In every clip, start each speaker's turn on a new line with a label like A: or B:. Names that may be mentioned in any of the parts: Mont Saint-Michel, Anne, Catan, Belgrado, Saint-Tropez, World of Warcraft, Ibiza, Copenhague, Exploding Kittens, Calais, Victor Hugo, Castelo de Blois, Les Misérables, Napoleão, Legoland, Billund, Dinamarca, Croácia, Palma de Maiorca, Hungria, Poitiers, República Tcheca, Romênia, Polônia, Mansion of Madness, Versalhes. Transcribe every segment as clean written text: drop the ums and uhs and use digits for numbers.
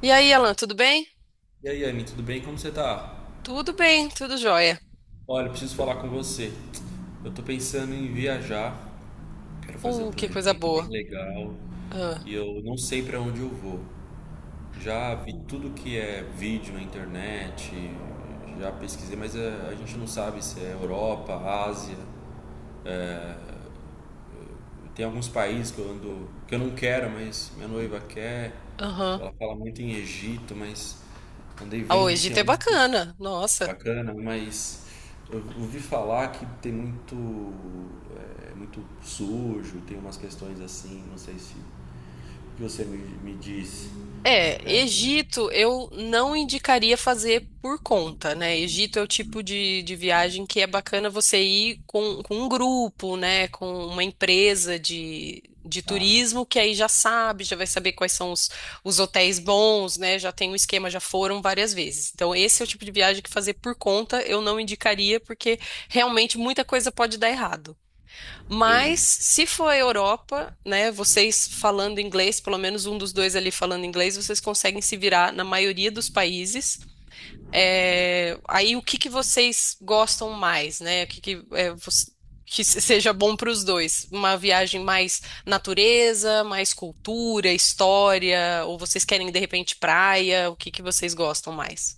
A: E aí, Alan, tudo bem?
B: E aí, Anne, tudo bem? Como você tá?
A: Tudo bem, tudo jóia.
B: Olha, eu preciso falar com você. Eu tô pensando em viajar, quero fazer um
A: Que coisa
B: planejamento bem
A: boa.
B: legal
A: Ah.
B: e eu não sei pra onde eu vou. Já vi tudo que é vídeo na internet, já pesquisei, mas a gente não sabe se é Europa, Ásia. Tem alguns países que eu ando, que eu não quero, mas minha noiva quer.
A: Aham.
B: Ela fala muito em Egito, mas andei
A: Ah,
B: vendo que
A: hoje
B: tem
A: é
B: alguns.
A: bacana. Nossa.
B: Bacana, mas eu ouvi falar que tem muito, muito sujo, tem umas questões assim, não sei se o que você me disse.
A: É, Egito eu não indicaria fazer por conta, né? Egito é o tipo de viagem que é bacana você ir com um grupo, né? Com uma empresa de
B: Ah,
A: turismo que aí já sabe, já vai saber quais são os hotéis bons, né? Já tem um esquema, já foram várias vezes. Então, esse é o tipo de viagem que fazer por conta eu não indicaria, porque realmente muita coisa pode dar errado. Mas
B: entendi.
A: se for a Europa, né, vocês falando inglês, pelo menos um dos dois ali falando inglês, vocês conseguem se virar na maioria dos países. É, aí o que que vocês gostam mais, né? O que que, é, você- que se- seja bom para os dois? Uma viagem mais natureza, mais cultura, história, ou vocês querem de repente praia? O que que vocês gostam mais?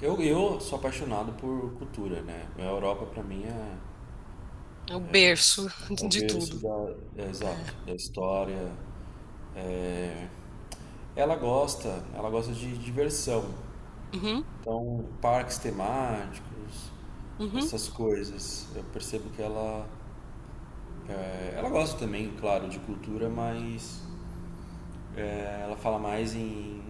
B: Eu sou apaixonado por cultura, né? A Europa pra mim
A: É o berço
B: é o
A: de
B: berço
A: tudo.
B: é, exato, da história. É, ela gosta, ela gosta de diversão.
A: Uhum,
B: Então, parques temáticos,
A: uhum.
B: essas coisas. Eu percebo que ela ela gosta também, claro, de cultura, mas é, ela fala mais em,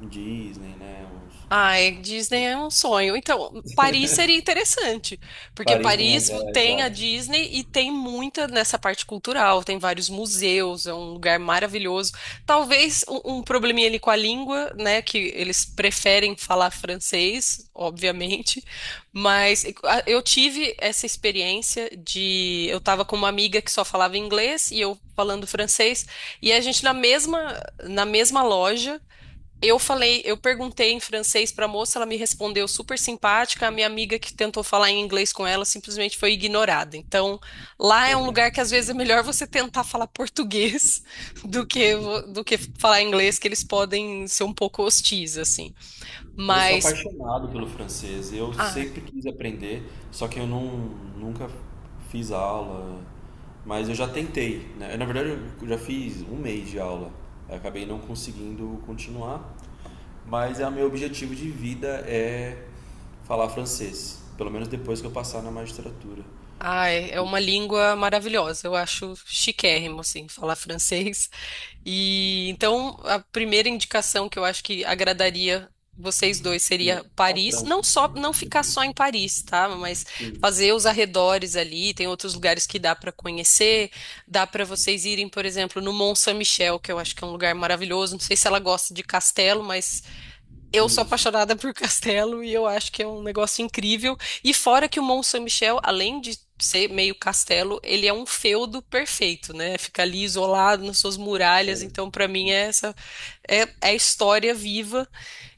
B: em Disney, né?
A: Ai, Disney é um sonho. Então, Paris seria interessante, porque
B: Paris tem.
A: Paris
B: É,
A: tem a
B: exato.
A: Disney e tem muita nessa parte cultural, tem vários museus, é um lugar maravilhoso. Talvez um probleminha ali com a língua, né, que eles preferem falar francês, obviamente, mas
B: Sim.
A: eu tive essa experiência de eu tava com uma amiga que só falava inglês e eu falando francês, e a gente na mesma loja eu falei, eu perguntei em francês pra moça, ela me respondeu super simpática. A minha amiga que tentou falar em inglês com ela simplesmente foi ignorada. Então, lá é um lugar que às vezes é melhor você tentar falar português do que do que falar inglês, que eles podem ser um pouco hostis assim.
B: Eu sou
A: Mas
B: apaixonado pelo francês. Eu
A: ah,
B: sempre quis aprender, só que eu não, nunca fiz aula. Mas eu já tentei, né? Na verdade, eu já fiz um mês de aula. Eu acabei não conseguindo continuar. Mas é o meu objetivo de vida é falar francês. Pelo menos depois que eu passar na magistratura.
A: ai, é uma língua maravilhosa. Eu acho chiquérrimo assim falar francês. E então a primeira indicação que eu acho que agradaria vocês dois
B: Sim,
A: seria
B: a
A: Paris, não
B: França.
A: só não ficar só em Paris, tá? Mas
B: Sim,
A: fazer os arredores ali, tem outros lugares que dá para conhecer, dá para vocês irem, por exemplo, no Mont Saint-Michel, que eu acho que é um lugar maravilhoso. Não sei se ela gosta de castelo, mas eu sou
B: sim, sim.
A: apaixonada por castelo e eu acho que é um negócio incrível. E fora que o Mont Saint-Michel, além de ser meio castelo, ele é um feudo perfeito, né? Fica ali isolado nas suas muralhas. Então, para mim, é essa é, é a história viva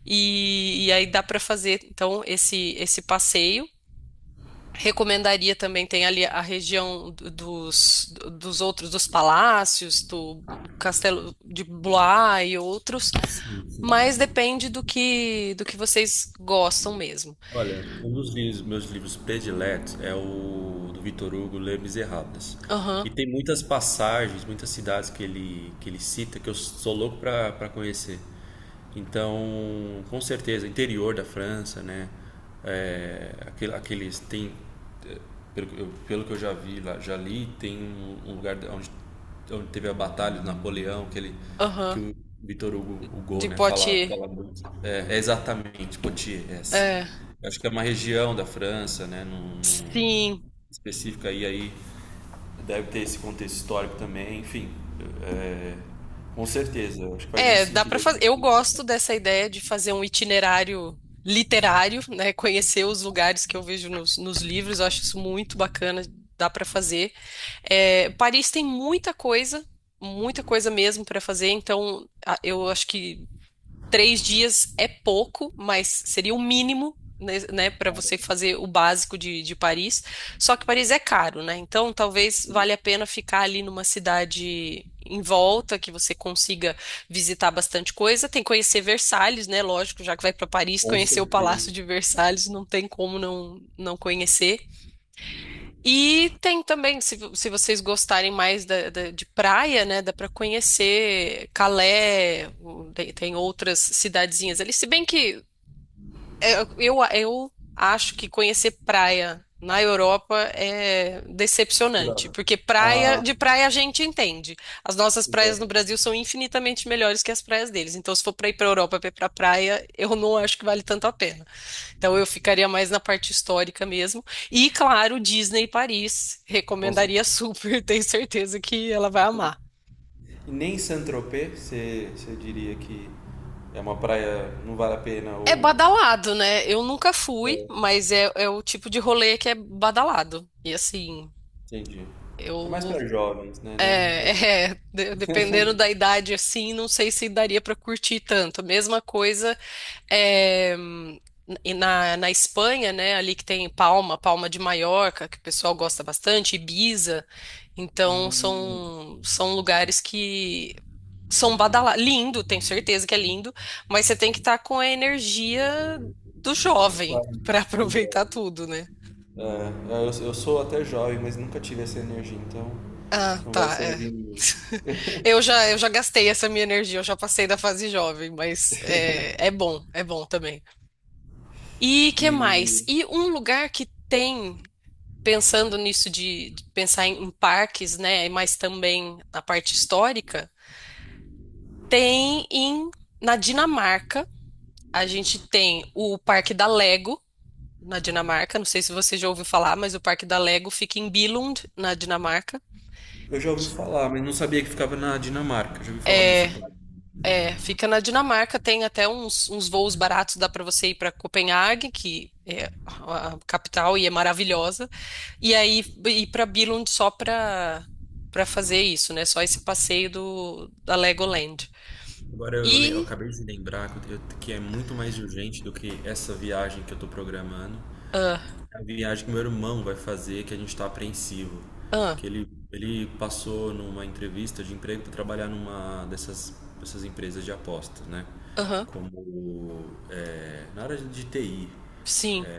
A: e aí dá para fazer então esse passeio. Recomendaria também, tem ali a região dos, dos outros, dos palácios, do Castelo de Blois e outros,
B: Sim.
A: mas depende do que vocês gostam mesmo.
B: Olha, um dos meus livros prediletos é o do Victor Hugo, Les Misérables.
A: Aham,
B: E tem muitas passagens, muitas cidades que ele cita que eu sou louco para conhecer. Então, com certeza, interior da França, né? É, aqueles tem pelo que eu já vi lá, já li, tem um lugar onde, onde teve a batalha do Napoleão, que
A: aham,
B: o Hugo,
A: de
B: né, fala,
A: Poitiers.
B: fala muito. É, é exatamente, Poitiers, essa.
A: É,
B: Eu acho que é uma região da França, né, num-
A: sim.
B: específica aí, aí deve ter esse contexto histórico também, enfim. É, com certeza, eu acho que faz muito
A: É, dá para
B: sentido a
A: fazer.
B: gente
A: Eu
B: ir pra
A: gosto
B: Paris.
A: dessa ideia de fazer um itinerário literário, né? Conhecer os lugares que eu vejo nos livros, eu acho isso muito bacana, dá para fazer. É, Paris tem muita coisa mesmo para fazer, então eu acho que três dias é pouco, mas seria o mínimo, né, para
B: Cara,
A: você fazer o básico de Paris. Só que Paris é caro, né? Então talvez
B: sim,
A: valha a pena ficar ali numa cidade em volta, que você consiga visitar bastante coisa. Tem que conhecer Versalhes, né? Lógico, já que vai para Paris,
B: com
A: conhecer o Palácio
B: certeza.
A: de Versalhes, não tem como não conhecer. E tem também, se vocês gostarem mais de praia, né, dá para conhecer Calais, tem, tem outras cidadezinhas ali. Se bem que é, eu acho que conhecer praia na Europa é decepcionante,
B: Furado.
A: porque praia,
B: Ah,
A: de praia a gente entende. As nossas
B: pois é,
A: praias no Brasil são infinitamente melhores que as praias deles. Então, se for para ir para Europa para ir para praia, eu não acho que vale tanto a pena. Então eu ficaria mais na parte histórica mesmo. E claro, Disney Paris,
B: com
A: recomendaria
B: certeza.
A: super, tenho certeza que ela vai amar.
B: E nem Saint-Tropez, você diria que é uma praia, não vale a pena
A: É
B: ou...
A: badalado, né? Eu nunca fui,
B: É,
A: mas é, é o tipo de rolê que é badalado. E assim,
B: entendi. É mais
A: eu
B: para jovens, né? Não pra...
A: é, é, dependendo da idade assim, não sei se daria pra curtir tanto. Mesma coisa. É, e na Espanha, né, ali que tem Palma, Palma de Maiorca, que o pessoal gosta bastante, Ibiza. Então,
B: Hum,
A: são lugares que são badalados. Lindo, tenho certeza que é lindo, mas você tem que estar com a energia do jovem
B: claro,
A: para
B: do
A: aproveitar
B: jovem.
A: tudo, né?
B: É, eu sou até jovem, mas nunca tive essa energia, então
A: Ah,
B: não vai
A: tá, é.
B: servir muito.
A: Eu já gastei essa minha energia, eu já passei da fase jovem, mas é, é bom também. E que mais?
B: E
A: E um lugar que tem pensando nisso de pensar em parques, né, mas também na parte histórica, tem em na Dinamarca, a gente tem o Parque da Lego na Dinamarca, não sei se você já ouviu falar, mas o Parque da Lego fica em Billund, na Dinamarca.
B: eu já ouvi falar, mas não sabia que ficava na Dinamarca. Já ouvi falar desse
A: É,
B: parque.
A: é, fica na Dinamarca, tem até uns, uns voos baratos, dá para você ir para Copenhague, que é a capital e é maravilhosa. E aí ir para Billund só para fazer isso, né? Só esse passeio do da Legoland.
B: Agora eu,
A: E
B: acabei de lembrar que, eu- que é muito mais urgente do que essa viagem que eu tô programando.
A: ah,
B: A viagem que meu irmão vai fazer, que a gente está apreensivo.
A: ah,
B: Que ele passou numa entrevista de emprego para trabalhar numa dessas, dessas empresas de apostas, né?
A: aham,
B: Como é, na área de TI.
A: sim.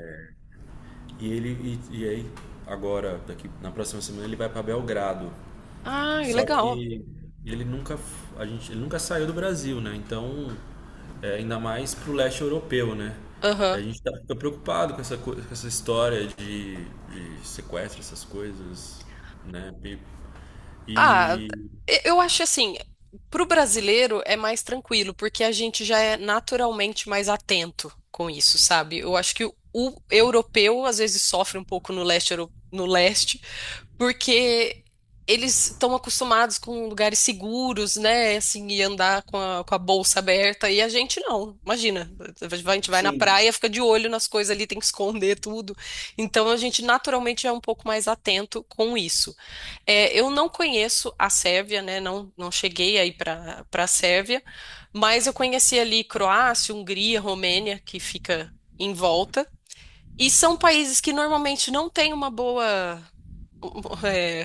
B: E ele e aí agora daqui na próxima semana ele vai para Belgrado,
A: Ah,
B: só
A: legal.
B: que ele nunca, ele nunca saiu do Brasil, né? Então, é, ainda mais pro leste europeu, né?
A: Aham.
B: A gente tá, fica preocupado com essa, com essa história de sequestro, essas coisas, né?
A: Ah,
B: E-
A: eu acho assim, para o brasileiro é mais tranquilo, porque a gente já é naturalmente mais atento com isso, sabe? Eu acho que o europeu às vezes sofre um pouco no no leste porque eles estão acostumados com lugares seguros, né? Assim, e andar com a bolsa aberta, e a gente não. Imagina, a gente vai na praia, fica de olho nas coisas ali, tem que esconder tudo. Então a gente naturalmente é um pouco mais atento com isso. É, eu não conheço a Sérvia, né? Não, não cheguei aí para a Sérvia, mas eu conheci ali Croácia, Hungria, Romênia, que fica em volta. E são países que normalmente não têm uma boa é,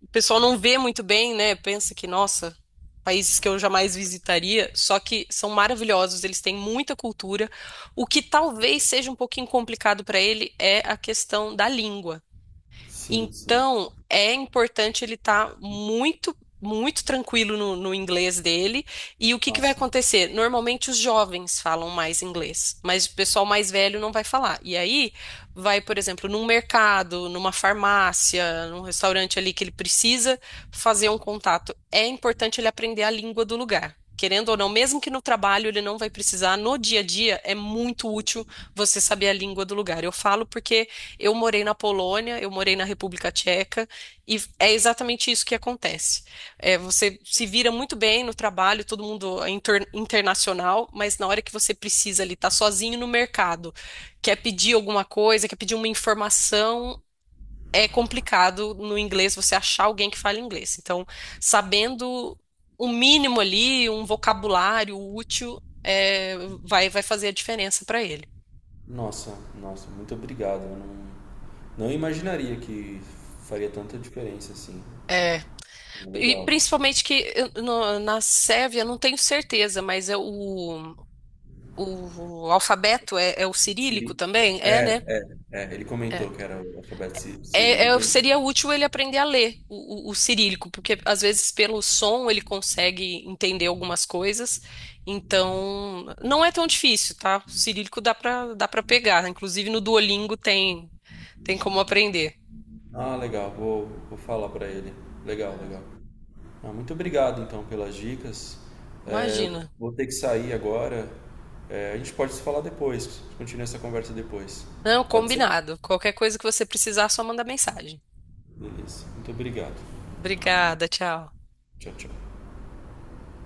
A: o pessoal não vê muito bem, né? Pensa que, nossa, países que eu jamais visitaria, só que são maravilhosos, eles têm muita cultura. O que talvez seja um pouquinho complicado para ele é a questão da língua.
B: Sim, sim.
A: Então, é importante ele estar muito, muito tranquilo no inglês dele. E o que que vai
B: Nossa,
A: acontecer? Normalmente os jovens falam mais inglês, mas o pessoal mais velho não vai falar. E aí vai, por exemplo, num mercado, numa farmácia, num restaurante ali que ele precisa fazer um contato. É importante ele aprender a língua do lugar. Querendo ou não, mesmo que no trabalho ele não vai precisar, no dia a dia é muito útil você saber a língua do lugar. Eu falo porque eu morei na Polônia, eu morei na República Tcheca, e é exatamente isso que acontece. É, você se vira muito bem no trabalho, todo mundo é internacional, mas na hora que você precisa ali, tá sozinho no mercado, quer pedir alguma coisa, quer pedir uma informação, é complicado no inglês você achar alguém que fale inglês. Então, sabendo o mínimo ali, um vocabulário útil, é, vai, vai fazer a diferença para ele.
B: nossa, nossa, muito obrigado. Eu não, não imaginaria que faria tanta diferença assim.
A: E
B: Legal.
A: principalmente que na Sérvia, eu não tenho certeza, mas é o alfabeto é, é o cirílico
B: Siri.
A: também? É, né?
B: É, ele
A: É.
B: comentou que era o alfabeto cirílico.
A: Seria útil ele aprender a ler o cirílico, porque às vezes pelo som ele consegue entender algumas coisas. Então, não é tão difícil, tá? O cirílico dá para pegar. Inclusive no Duolingo tem, tem como aprender.
B: Ah, legal. Vou, vou falar para ele. Legal, legal.
A: É.
B: Ah, muito obrigado então pelas dicas. É, eu
A: Imagina.
B: vou ter que sair agora. É, a gente pode se falar depois. Continua essa conversa depois.
A: Não,
B: Pode ser?
A: combinado. Qualquer coisa que você precisar, só manda mensagem.
B: Beleza. Muito obrigado.
A: Obrigada, tchau.
B: Tchau, tchau.